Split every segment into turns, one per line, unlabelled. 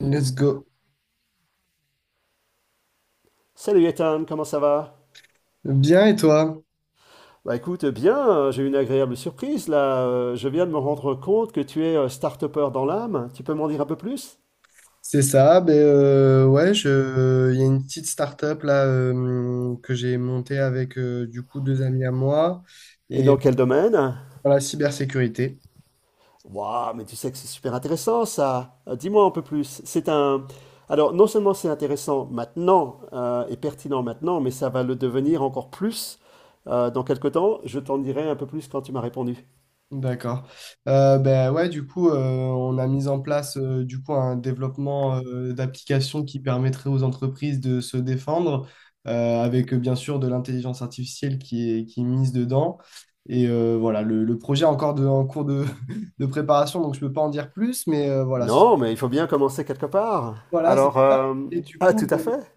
Let's go.
Salut Ethan, comment ça va?
Bien et toi?
Bah écoute, bien, j'ai eu une agréable surprise là. Je viens de me rendre compte que tu es start-upper dans l'âme. Tu peux m'en dire un peu plus?
C'est ça, ben, ouais, il y a une petite start-up là que j'ai montée avec du coup deux amis à moi
Et
et euh,
dans quel domaine?
pour la cybersécurité.
Waouh, mais tu sais que c'est super intéressant ça. Dis-moi un peu plus. C'est un... Alors non seulement c'est intéressant maintenant et pertinent maintenant, mais ça va le devenir encore plus dans quelques temps. Je t'en dirai un peu plus quand tu m'as répondu.
D'accord. Ben ouais, du coup, on a mis en place du coup un développement d'applications qui permettrait aux entreprises de se défendre, avec bien sûr de l'intelligence artificielle qui est mise dedans. Et voilà, le projet est encore en cours de préparation, donc je peux pas en dire plus, mais voilà,
Non, mais il faut bien commencer quelque part.
voilà, c'est ça. Et du
Ah
coup,
tout à fait.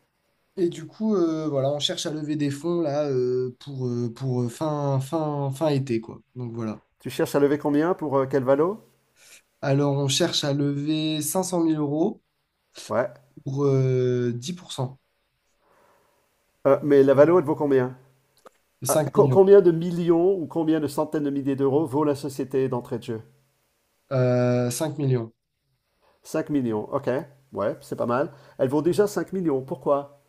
voilà, on cherche à lever des fonds là pour fin été, quoi. Donc voilà.
Tu cherches à lever combien pour quel valo?
Alors, on cherche à lever 500 000 €
Ouais.
pour 10%
Mais la Valo, elle vaut combien? Ah,
5 millions.
combien de millions ou combien de centaines de milliers d'euros vaut la société d'entrée de jeu?
5 millions.
5 millions, ok. Ouais, c'est pas mal. Elle vaut déjà 5 millions. Pourquoi?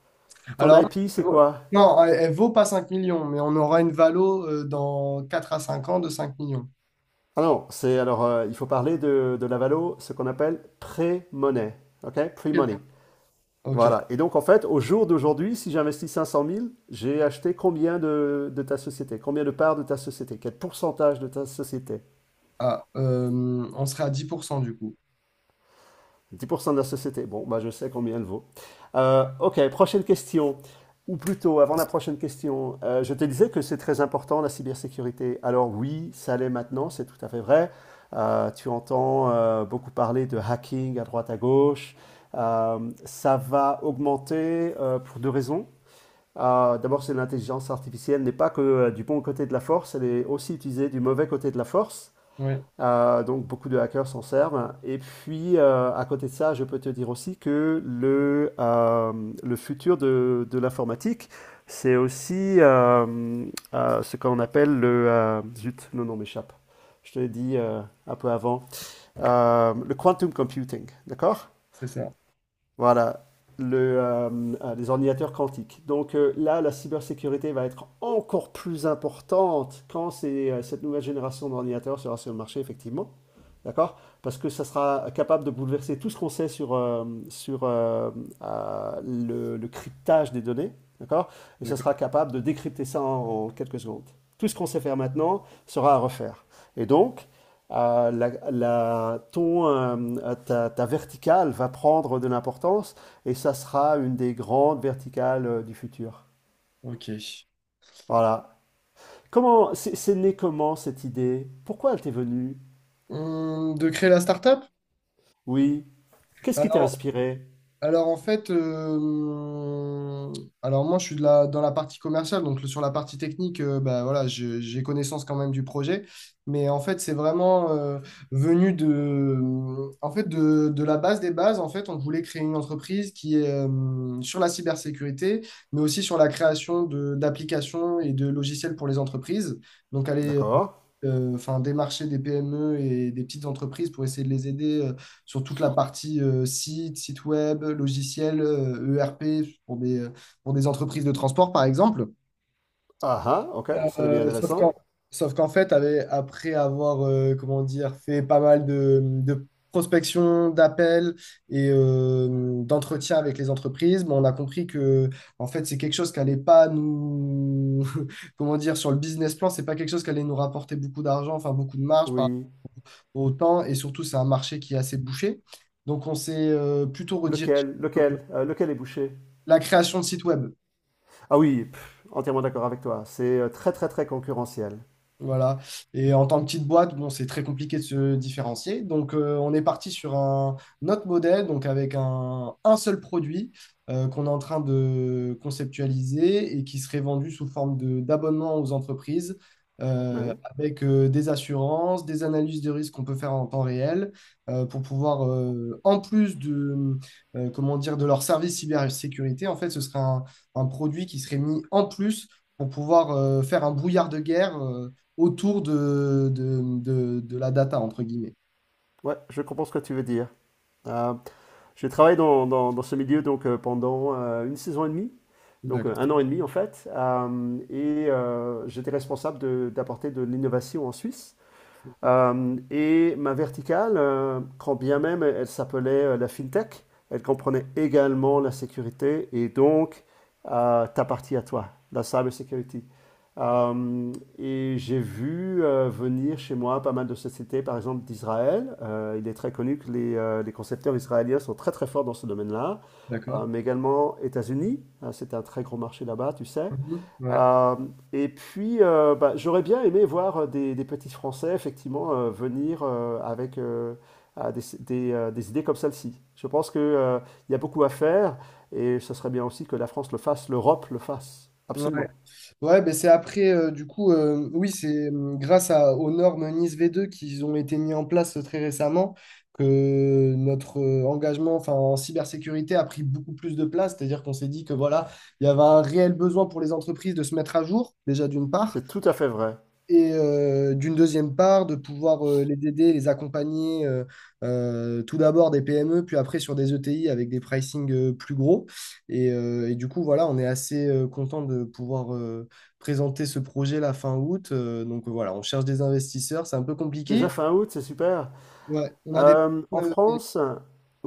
Ton
Alors,
IP,
elle
c'est
vaut-
quoi?
non, elle vaut pas 5 millions, mais on aura une valo dans 4 à 5 ans de 5 millions.
Ah non, il faut parler de la Valo, ce qu'on appelle pré-money. Ok?
Ok.
Pre-money.
Ok.
Voilà. Et donc, en fait, au jour d'aujourd'hui, si j'investis cinq cent mille, j'ai acheté combien de ta société? Combien de parts de ta société? Quel pourcentage de ta société?
Ah, on serait à 10% du coup.
Dix pour cent de la société. Bon, bah, je sais combien elle vaut. Ok, prochaine question. Ou plutôt, avant la prochaine question, je te disais que c'est très important la cybersécurité. Alors oui, ça l'est maintenant, c'est tout à fait vrai. Tu entends beaucoup parler de hacking à droite à gauche. Ça va augmenter pour deux raisons. D'abord, c'est l'intelligence artificielle n'est pas que du bon côté de la force, elle est aussi utilisée du mauvais côté de la force.
Oui,
Donc beaucoup de hackers s'en servent. Et puis, à côté de ça, je peux te dire aussi que le futur de l'informatique, c'est aussi ce qu'on appelle le... zut, le nom m'échappe. Je te l'ai dit un peu avant. Le quantum computing, d'accord?
c'est ça.
Voilà, le, euh, les ordinateurs quantiques. Donc là, la cybersécurité va être encore plus importante quand cette nouvelle génération d'ordinateurs sera sur le marché, effectivement. D'accord? Parce que ça sera capable de bouleverser tout ce qu'on sait sur le cryptage des données. D'accord? Et ça
D'accord.
sera capable de décrypter ça en quelques secondes. Tout ce qu'on sait faire maintenant sera à refaire. Et donc, euh, la, la- ton, euh, ta verticale va prendre de l'importance et ça sera une des grandes verticales du futur.
Ok.
Voilà. Comment, c'est né comment cette idée? Pourquoi elle t'est venue?
De créer la startup?
Oui. Qu'est-ce qui t'a
Alors,
inspiré?
Alors en fait, euh, alors, moi je suis dans la partie commerciale, donc sur la partie technique, bah, voilà, j'ai connaissance quand même du projet, mais en fait c'est vraiment venu de la base des bases. En fait, on voulait créer une entreprise qui est sur la cybersécurité, mais aussi sur la création de d'applications et de logiciels pour les entreprises. Donc aller
D'accord.
enfin, démarcher des PME et des petites entreprises pour essayer de les aider sur toute la partie site web, logiciel, ERP pour pour des entreprises de transport, par exemple.
Ah ah, ok, ça devient
Euh, sauf qu'en,
intéressant.
sauf qu'en fait, après avoir comment dire, fait pas mal de prospection, d'appels et d'entretiens avec les entreprises, ben, on a compris que en fait, c'est quelque chose qui n'allait pas nous, comment dire, sur le business plan, c'est pas quelque chose qui allait nous rapporter beaucoup d'argent, enfin beaucoup de marge. Par
Oui.
autant. Et surtout, c'est un marché qui est assez bouché. Donc, on s'est plutôt redirigé sur
Lequel? Lequel? Lequel est bouché?
la création de sites web.
Ah oui, pff, entièrement d'accord avec toi. C'est très très très concurrentiel.
Voilà. Et en tant que petite boîte, bon, c'est très compliqué de se différencier. Donc, on est parti sur un autre modèle, donc avec un seul produit qu'on est en train de conceptualiser et qui serait vendu sous forme d'abonnement aux entreprises euh,
Oui.
avec des assurances, des analyses de risque qu'on peut faire en temps réel pour pouvoir, en plus comment dire, de leur service cybersécurité, en fait, ce serait un produit qui serait mis en plus pour pouvoir faire un brouillard de guerre. Autour de la data, entre guillemets.
Ouais, je comprends ce que tu veux dire. Euh, J'ai travaillé dans ce milieu donc, pendant une saison et demie, donc un
D'accord.
an et demi en fait, et j'étais responsable d'apporter de l'innovation en Suisse. Et ma verticale, quand bien même elle s'appelait la FinTech, elle comprenait également la sécurité et donc ta partie à toi, la cybersecurity. Euh, et j'ai vu venir chez moi pas mal de sociétés, par exemple d'Israël. Il est très connu que les concepteurs israéliens sont très très forts dans ce domaine-là.
D'accord.
Mais également États-Unis, hein, c'est un très gros marché là-bas, tu sais.
Mhm. Ouais.
Euh, et puis, bah, j'aurais bien aimé voir des petits Français, effectivement, venir avec des idées comme celle-ci. Je pense que, il y a beaucoup à faire et ce serait bien aussi que la France le fasse, l'Europe le fasse.
Ouais.
Absolument.
Ouais, ben c'est après, oui, c'est grâce à, aux normes NIS V2 qui ont été mis en place très récemment que notre engagement enfin, en cybersécurité a pris beaucoup plus de place. C'est-à-dire qu'on s'est dit que voilà, il y avait un réel besoin pour les entreprises de se mettre à jour, déjà d'une part.
C'est tout à fait vrai.
Et d'une deuxième part, de pouvoir les aider, les accompagner tout d'abord des PME, puis après sur des ETI avec des pricing plus gros. Et du coup, voilà, on est assez content de pouvoir présenter ce projet la fin août. Donc voilà, on cherche des investisseurs, c'est un peu compliqué.
Déjà fin août, c'est super.
Ouais, on a des...
En
euh,
France,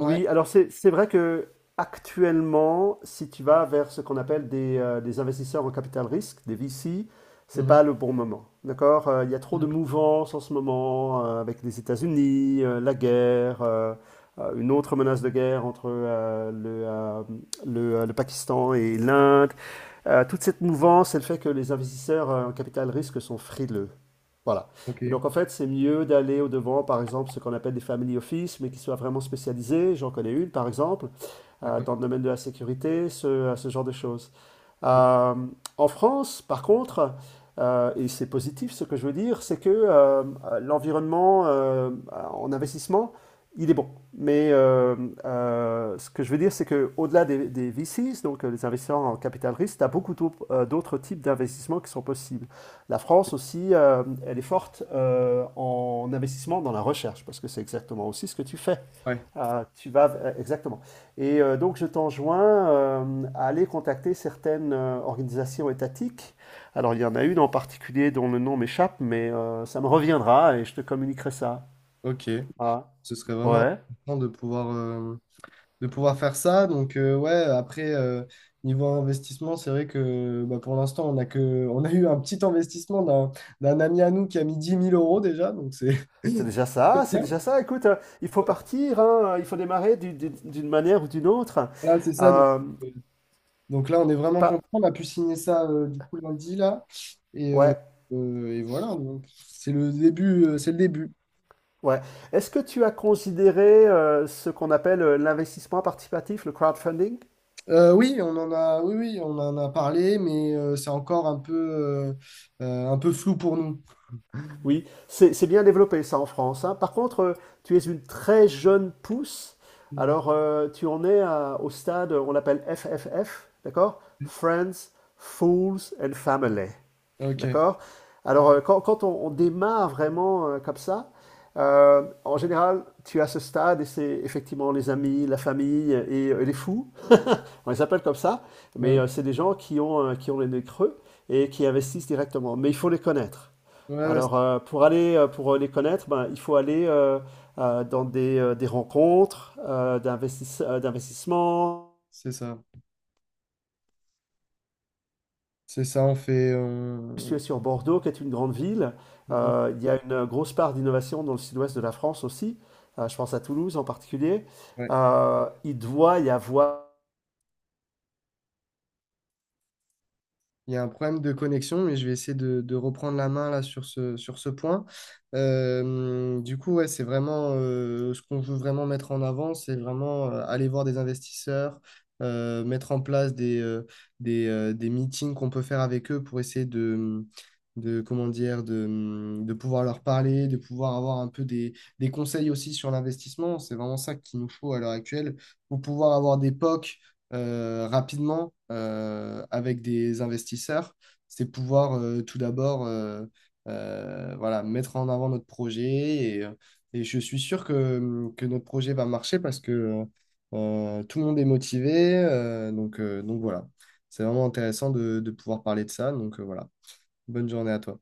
ouais.
alors c'est vrai que actuellement, si tu vas vers ce qu'on appelle des investisseurs en capital risque, des VC, c'est
Mhm.
pas le bon moment. D'accord? Il y a trop de mouvances en ce moment avec les États-Unis, la guerre, une autre menace de guerre entre le Pakistan et l'Inde. Toute cette mouvance, elle fait que les investisseurs en capital risque sont frileux. Voilà.
Ok,
Et donc, en fait, c'est mieux d'aller au-devant, par exemple, ce qu'on appelle des family office, mais qui soient vraiment spécialisés. J'en connais une, par exemple,
d'accord.
dans le domaine de la sécurité, ce genre de choses. Euh, En France, par contre, et c'est positif ce que je veux dire, c'est que l'environnement en investissement, il est bon. Mais euh, Ce que je veux dire, c'est qu'au-delà des VCs, donc les investisseurs en capital risque, tu as beaucoup d'autres types d'investissements qui sont possibles. La France aussi, elle est forte en investissement dans la recherche, parce que c'est exactement aussi ce que tu fais.
Ouais,
Tu vas Exactement. Et donc je t'enjoins à aller contacter certaines organisations étatiques. Alors il y en a une en particulier dont le nom m'échappe, mais ça me reviendra et je te communiquerai ça.
ok.
Ah,
Ce serait vraiment
ouais.
important de pouvoir faire ça. Donc, ouais, après, niveau investissement, c'est vrai que bah, pour l'instant, on a eu un petit investissement d'un ami à nous qui a mis 10 000 € déjà. Donc, c'est
C'est déjà ça, c'est
bien.
déjà ça. Écoute, il faut
Ouais.
partir, hein, il faut démarrer d'une manière ou d'une autre.
Là, c'est ça.
Euh,
Euh, donc là, on est vraiment
pas,
content. On a pu signer ça du coup lundi, là. Et, euh,
ouais,
et voilà, donc c'est le début. C'est le début.
Ouais. Est-ce que tu as considéré ce qu'on appelle l'investissement participatif, le crowdfunding?
Oui, on en a, oui, oui, on en a parlé, mais c'est encore un peu flou pour nous.
Oui, c'est bien développé ça en France, hein. Par contre, tu es une très jeune pousse.
Mhm.
Alors, tu en es au stade, on l'appelle FFF, d'accord? Friends, Fools and Family,
Ok.
d'accord? Alors, quand on démarre vraiment comme ça, en général, tu as ce stade et c'est effectivement les amis, la famille et les fous. On les appelle comme ça, mais
Ouais,
c'est des gens qui ont les nez creux et qui investissent directement. Mais il faut les connaître.
ouais, ouais, c'est
Alors, pour les connaître, ben, il faut aller des rencontres d'investissement.
c'est ça. C'est ça, on fait.
Je suis sur Bordeaux, qui est une grande ville. Il y a une grosse part d'innovation dans le sud-ouest de la France aussi. Je pense à Toulouse en particulier.
Ouais.
Il doit y avoir
Il y a un problème de connexion, mais je vais essayer de reprendre la main là sur sur ce point. Du coup, ouais, c'est vraiment ce qu'on veut vraiment mettre en avant, c'est vraiment aller voir des investisseurs, mettre en place des meetings qu'on peut faire avec eux pour essayer de comment dire, de pouvoir leur parler, de pouvoir avoir un peu des conseils aussi sur l'investissement. C'est vraiment ça qu'il nous faut à l'heure actuelle pour pouvoir avoir des POC rapidement avec des investisseurs, c'est pouvoir tout d'abord voilà, mettre en avant notre projet. Et, euh, et je suis sûr que, mm, que notre projet va marcher parce que tout le monde est motivé. Donc, donc voilà, c'est vraiment intéressant de pouvoir parler de ça. Donc voilà, bonne journée à toi.